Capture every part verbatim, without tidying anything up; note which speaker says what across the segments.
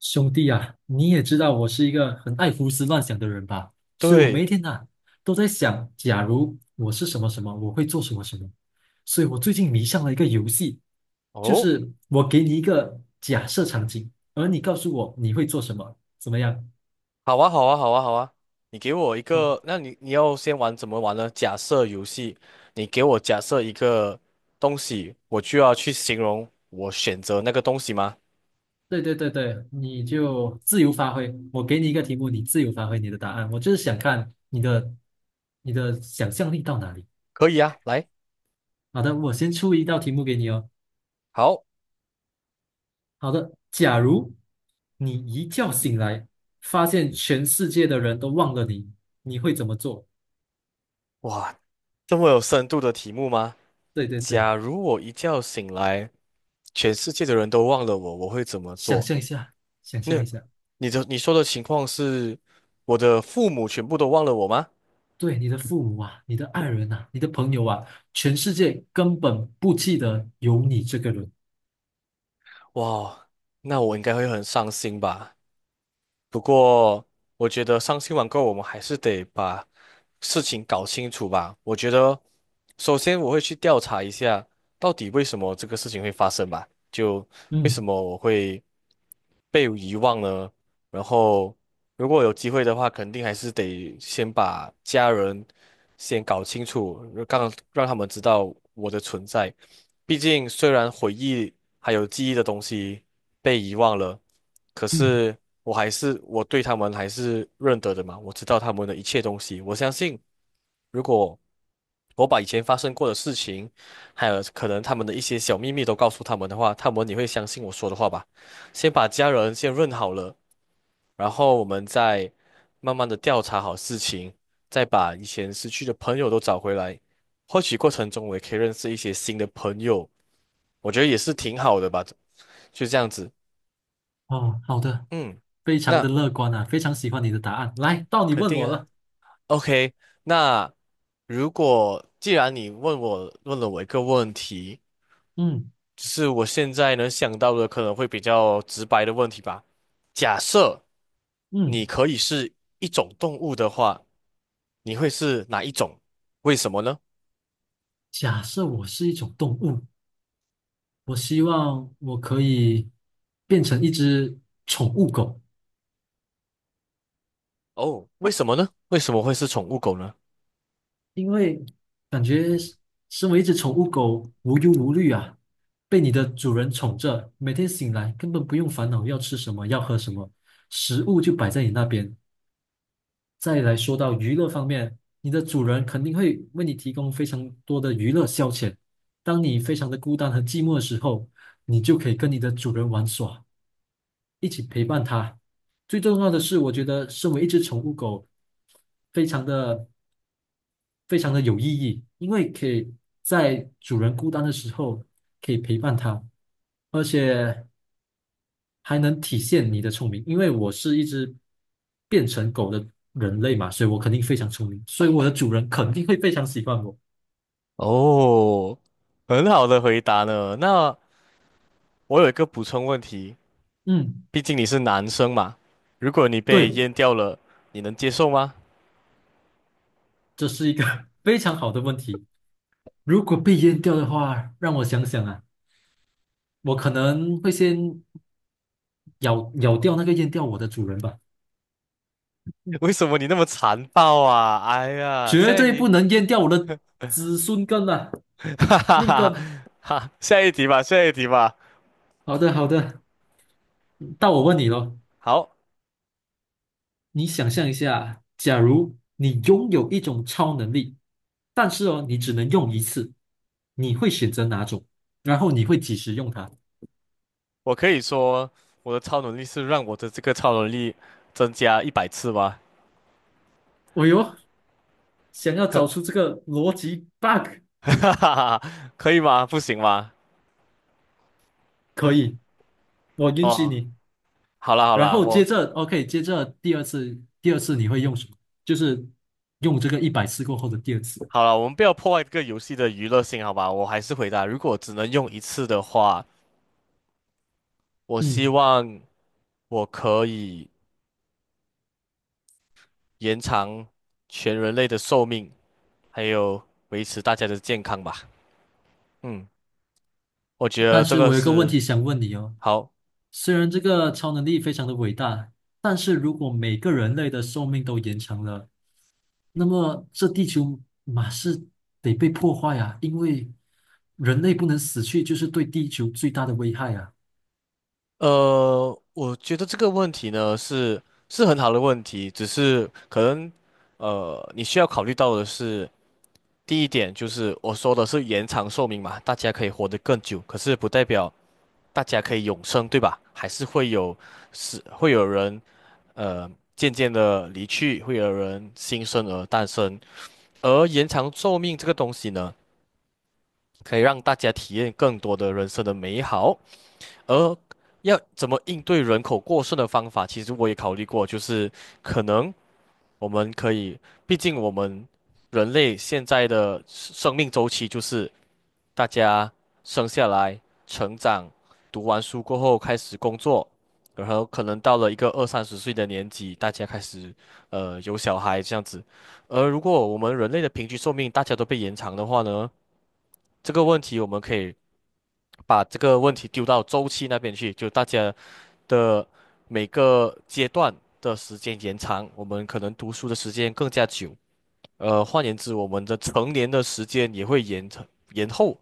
Speaker 1: 兄弟啊，你也知道我是一个很爱胡思乱想的人吧，所以我每一
Speaker 2: 对，
Speaker 1: 天呐、都在想，假如我是什么什么，我会做什么什么。所以我最近迷上了一个游戏，就
Speaker 2: 哦，
Speaker 1: 是我给你一个假设场景，而你告诉我你会做什么，怎么样？
Speaker 2: 好啊，好啊，好啊，好啊，你给我一
Speaker 1: 哦，
Speaker 2: 个，那你你要先玩怎么玩呢？假设游戏，你给我假设一个东西，我就要去形容我选择那个东西吗？
Speaker 1: 对对对对，你就自由发挥。我给你一个题目，你自由发挥你的答案。我就是想看你的你的想象力到哪里。
Speaker 2: 可以啊，来，
Speaker 1: 好的，我先出一道题目给你哦。
Speaker 2: 好。
Speaker 1: 好的，假如你一觉醒来，发现全世界的人都忘了你，你会怎么做？
Speaker 2: 哇，这么有深度的题目吗？
Speaker 1: 对对对，
Speaker 2: 假如我一觉醒来，全世界的人都忘了我，我会怎么
Speaker 1: 想
Speaker 2: 做？
Speaker 1: 象一下，想
Speaker 2: 那
Speaker 1: 象一下，
Speaker 2: 你的你说的情况是，我的父母全部都忘了我吗？
Speaker 1: 对你的父母啊，你的爱人啊，你的朋友啊，全世界根本不记得有你这个人。
Speaker 2: 哇，那我应该会很伤心吧。不过，我觉得伤心网购，我们还是得把事情搞清楚吧。我觉得，首先我会去调查一下，到底为什么这个事情会发生吧？就为什
Speaker 1: 嗯
Speaker 2: 么我会被遗忘呢？然后如果有机会的话，肯定还是得先把家人先搞清楚，让让他们知道我的存在。毕竟，虽然回忆还有记忆的东西被遗忘了，可
Speaker 1: 嗯，
Speaker 2: 是我还是我对他们还是认得的嘛，我知道他们的一切东西。我相信，如果我把以前发生过的事情，还有可能他们的一些小秘密都告诉他们的话，他们也会相信我说的话吧。先把家人先认好了。然后我们再慢慢的调查好事情，再把以前失去的朋友都找回来。或许过程中我也可以认识一些新的朋友，我觉得也是挺好的吧。就这样子，
Speaker 1: 哦，好的，
Speaker 2: 嗯，
Speaker 1: 非常的
Speaker 2: 那
Speaker 1: 乐观啊，非常喜欢你的答案。来，到你
Speaker 2: 肯
Speaker 1: 问
Speaker 2: 定
Speaker 1: 我
Speaker 2: 啊。
Speaker 1: 了。
Speaker 2: OK，那如果既然你问我问了我一个问题，
Speaker 1: 嗯
Speaker 2: 只是我现在能想到的可能会比较直白的问题吧。假设你
Speaker 1: 嗯，
Speaker 2: 可以是一种动物的话，你会是哪一种？为什么呢？
Speaker 1: 假设我是一种动物，我希望我可以变成一只宠物狗。
Speaker 2: 哦，为什么呢？为什么会是宠物狗呢？
Speaker 1: 因为感觉是身为一只宠物狗，无忧无虑啊，被你的主人宠着，每天醒来根本不用烦恼要吃什么，要喝什么，食物就摆在你那边。再来说到娱乐方面，你的主人肯定会为你提供非常多的娱乐消遣。当你非常的孤单和寂寞的时候，你就可以跟你的主人玩耍，一起陪伴他。最重要的是，我觉得身为一只宠物狗，非常的非常的有意义，因为可以在主人孤单的时候可以陪伴他，而且还能体现你的聪明。因为我是一只变成狗的人类嘛，所以我肯定非常聪明，所以我的主人 肯定会非常喜欢我。
Speaker 2: 哦，很好的回答呢。那我有一个补充问题，
Speaker 1: 嗯，
Speaker 2: 毕竟你是男生嘛，如果你被
Speaker 1: 对，
Speaker 2: 阉掉了，你能接受吗？
Speaker 1: 这是一个 非常好的问题。如果被淹掉的话，让我想想啊，我可能会先咬咬掉那个淹掉我的主人吧，
Speaker 2: 为什么你那么残暴啊？哎呀，
Speaker 1: 绝
Speaker 2: 下一
Speaker 1: 对不
Speaker 2: 题。
Speaker 1: 能淹掉我的子孙根啊，
Speaker 2: 哈哈
Speaker 1: 命
Speaker 2: 哈
Speaker 1: 根。
Speaker 2: 哈，下一题吧，下一题吧。
Speaker 1: 好的，好的。到我问你咯，
Speaker 2: 好，
Speaker 1: 你想象一下，假如你拥有一种超能力，但是哦，你只能用一次，你会选择哪种？然后你会几时用它？
Speaker 2: 我可以说我的超能力是让我的这个超能力增加一百次吗？
Speaker 1: 哦哟，想要
Speaker 2: 哈
Speaker 1: 找出这个逻辑 bug，
Speaker 2: 哈哈，可以吗？不行吗？
Speaker 1: 可以，我允许
Speaker 2: 哦，
Speaker 1: 你。
Speaker 2: 好啦好
Speaker 1: 然
Speaker 2: 啦，
Speaker 1: 后接
Speaker 2: 我
Speaker 1: 着，OK，接着第二次，第二次你会用什么？就是用这个一百次过后的第二次。
Speaker 2: 好啦，我们不要破坏这个游戏的娱乐性，好吧？我还是回答，如果只能用一次的话，我希
Speaker 1: 嗯，
Speaker 2: 望我可以延长全人类的寿命，还有维持大家的健康吧。嗯，我觉得
Speaker 1: 但
Speaker 2: 这
Speaker 1: 是
Speaker 2: 个
Speaker 1: 我有一个问
Speaker 2: 是
Speaker 1: 题想问你哦，
Speaker 2: 好。
Speaker 1: 虽然这个超能力非常的伟大，但是如果每个人类的寿命都延长了，那么这地球马是得被破坏啊，因为人类不能死去，就是对地球最大的危害啊。
Speaker 2: 呃，我觉得这个问题呢是是很好的问题，只是可能呃你需要考虑到的是，第一点就是我说的是延长寿命嘛，大家可以活得更久，可是不代表大家可以永生，对吧？还是会有是会有人呃渐渐的离去，会有人新生儿诞生，而延长寿命这个东西呢，可以让大家体验更多的人生的美好。而要怎么应对人口过剩的方法，其实我也考虑过，就是可能我们可以，毕竟我们人类现在的生命周期就是大家生下来、成长、读完书过后开始工作，然后可能到了一个二三十岁的年纪，大家开始呃有小孩这样子。而如果我们人类的平均寿命大家都被延长的话呢，这个问题我们可以把这个问题丢到周期那边去，就大家。的每个阶段的时间延长，我们可能读书的时间更加久。呃，换言之，我们的成年的时间也会延长延后，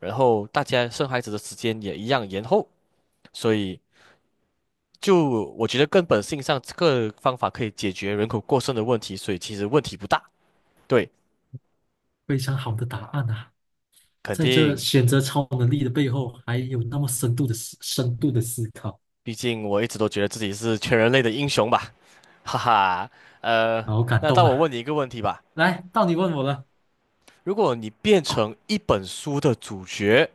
Speaker 2: 然后大家生孩子的时间也一样延后。所以，就我觉得根本性上，这个方法可以解决人口过剩的问题，所以其实问题不大。对，
Speaker 1: 非常好的答案啊，
Speaker 2: 肯
Speaker 1: 在这
Speaker 2: 定，
Speaker 1: 选择超能力的背后，还有那么深度的思深度的思考，
Speaker 2: 毕竟我一直都觉得自己是全人类的英雄吧，哈哈。呃，
Speaker 1: 好感
Speaker 2: 那
Speaker 1: 动
Speaker 2: 当我
Speaker 1: 啊！
Speaker 2: 问你一个问题吧，
Speaker 1: 来，到你问我了。
Speaker 2: 如果你变成一本书的主角，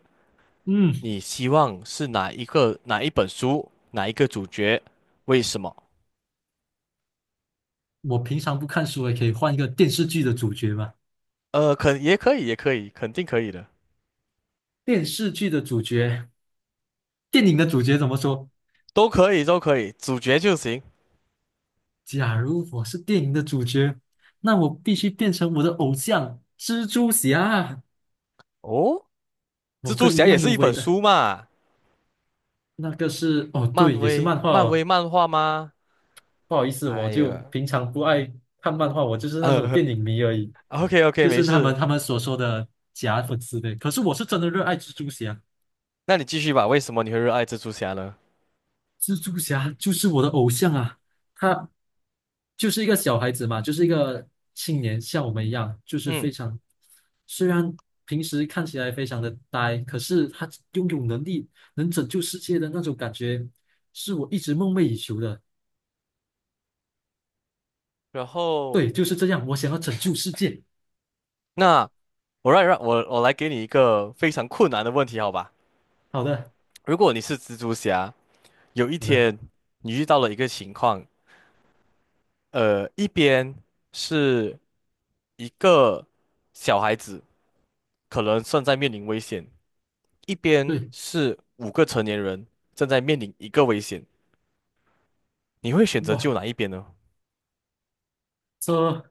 Speaker 1: 嗯，
Speaker 2: 你希望是哪一个哪一本书，哪一个主角？为什么？
Speaker 1: 我平常不看书，也可以换一个电视剧的主角嘛？
Speaker 2: 呃，肯也可以，也可以，肯定可以的，
Speaker 1: 电视剧的主角，电影的主角怎么说？
Speaker 2: 都可以，都可以，主角就行。
Speaker 1: 假如我是电影的主角，那我必须变成我的偶像蜘蛛侠。
Speaker 2: 哦，蜘
Speaker 1: 我
Speaker 2: 蛛
Speaker 1: 跟你一
Speaker 2: 侠也
Speaker 1: 样
Speaker 2: 是
Speaker 1: 有
Speaker 2: 一
Speaker 1: 伟
Speaker 2: 本
Speaker 1: 的，
Speaker 2: 书嘛，
Speaker 1: 那个是哦，
Speaker 2: 漫
Speaker 1: 对，也是
Speaker 2: 威，
Speaker 1: 漫画
Speaker 2: 漫威
Speaker 1: 哦。
Speaker 2: 漫画吗？
Speaker 1: 不好意思，我
Speaker 2: 哎
Speaker 1: 就
Speaker 2: 呀，
Speaker 1: 平常不爱看漫画，我就是那种
Speaker 2: 呃
Speaker 1: 电影迷而已，
Speaker 2: ，OK OK，
Speaker 1: 就
Speaker 2: 没
Speaker 1: 是他们
Speaker 2: 事，
Speaker 1: 他们所说的假粉丝呗。可是我是真的热爱蜘蛛侠，
Speaker 2: 那你继续吧。为什么你会热爱蜘蛛侠呢？
Speaker 1: 蜘蛛侠就是我的偶像啊，他就是一个小孩子嘛，就是一个青年，像我们一样，就是非
Speaker 2: 嗯，
Speaker 1: 常，虽然平时看起来非常的呆，可是他拥有能力，能拯救世界的那种感觉，是我一直梦寐以求的。
Speaker 2: 然后
Speaker 1: 对，就是这样，我想要拯救世界。
Speaker 2: 那我让让我我来给你一个非常困难的问题，好吧？
Speaker 1: 好的，
Speaker 2: 如果你是蜘蛛侠，有一
Speaker 1: 好的，
Speaker 2: 天你遇到了一个情况，呃，一边是一个小孩子，可能正在面临危险；一边
Speaker 1: 对，
Speaker 2: 是五个成年人正在面临一个危险。你会选择救
Speaker 1: 哇，
Speaker 2: 哪一边呢？
Speaker 1: 这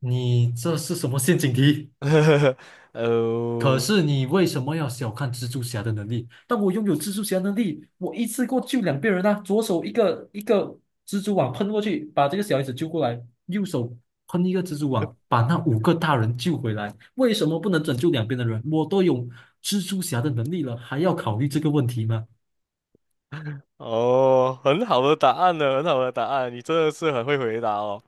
Speaker 1: 你这是什么陷阱题？可
Speaker 2: 呃，
Speaker 1: 是你为什么要小看蜘蛛侠的能力？当我拥有蜘蛛侠能力，我一次过救两边人啊！左手一个一个蜘蛛网喷过去，把这个小孩子救过来；右手喷一个蜘蛛网，把那五个大人救回来。为什么不能拯救两边的人？我都有蜘蛛侠的能力了，还要考虑这个问题吗？
Speaker 2: 哦，很好的答案呢，很好的答案，你真的是很会回答哦。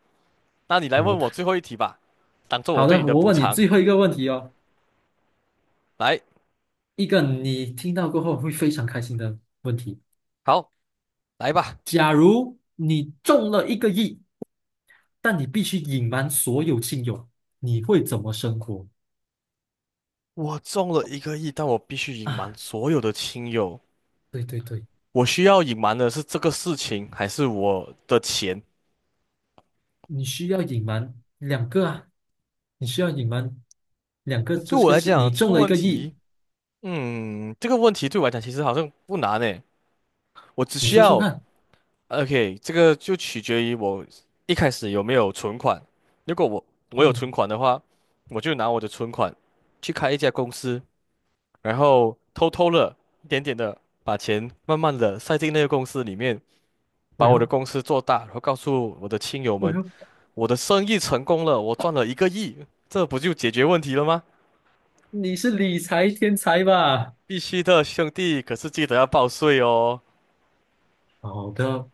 Speaker 2: 那你来
Speaker 1: 我
Speaker 2: 问我
Speaker 1: 太
Speaker 2: 最后一题吧，当做我
Speaker 1: 好
Speaker 2: 对你
Speaker 1: 的，
Speaker 2: 的
Speaker 1: 我
Speaker 2: 补
Speaker 1: 问你
Speaker 2: 偿。
Speaker 1: 最后一个问题哦，
Speaker 2: 来，
Speaker 1: 一个你听到过后会非常开心的问题：
Speaker 2: 好，来吧。
Speaker 1: 假如你中了一个亿。但你必须隐瞒所有亲友，你会怎么生活
Speaker 2: 我中了一个亿，但我必须隐瞒
Speaker 1: 啊？
Speaker 2: 所有的亲友。
Speaker 1: 对对对，
Speaker 2: 我需要隐瞒的是这个事情，还是我的钱？
Speaker 1: 你需要隐瞒两个啊，你需要隐瞒两个，这
Speaker 2: 对
Speaker 1: 这
Speaker 2: 我
Speaker 1: 个
Speaker 2: 来
Speaker 1: 是
Speaker 2: 讲，
Speaker 1: 你
Speaker 2: 这个
Speaker 1: 中了一
Speaker 2: 问
Speaker 1: 个亿，
Speaker 2: 题，嗯，这个问题对我来讲其实好像不难诶。我只
Speaker 1: 你
Speaker 2: 需
Speaker 1: 说说
Speaker 2: 要
Speaker 1: 看，
Speaker 2: ，OK，这个就取决于我一开始有没有存款。如果我我有存
Speaker 1: 嗯，
Speaker 2: 款的话，我就拿我的存款去开一家公司，然后偷偷的、一点点的把钱慢慢的塞进那个公司里面，
Speaker 1: 哎
Speaker 2: 把我的
Speaker 1: 呦
Speaker 2: 公司做大，然后告诉我的亲友
Speaker 1: 哎
Speaker 2: 们。
Speaker 1: 呦，
Speaker 2: 我的生意成功了，我赚了一个亿，这不就解决问题了吗？
Speaker 1: 你是理财天才吧？
Speaker 2: 必须的，兄弟，可是记得要报税哦。
Speaker 1: 好的，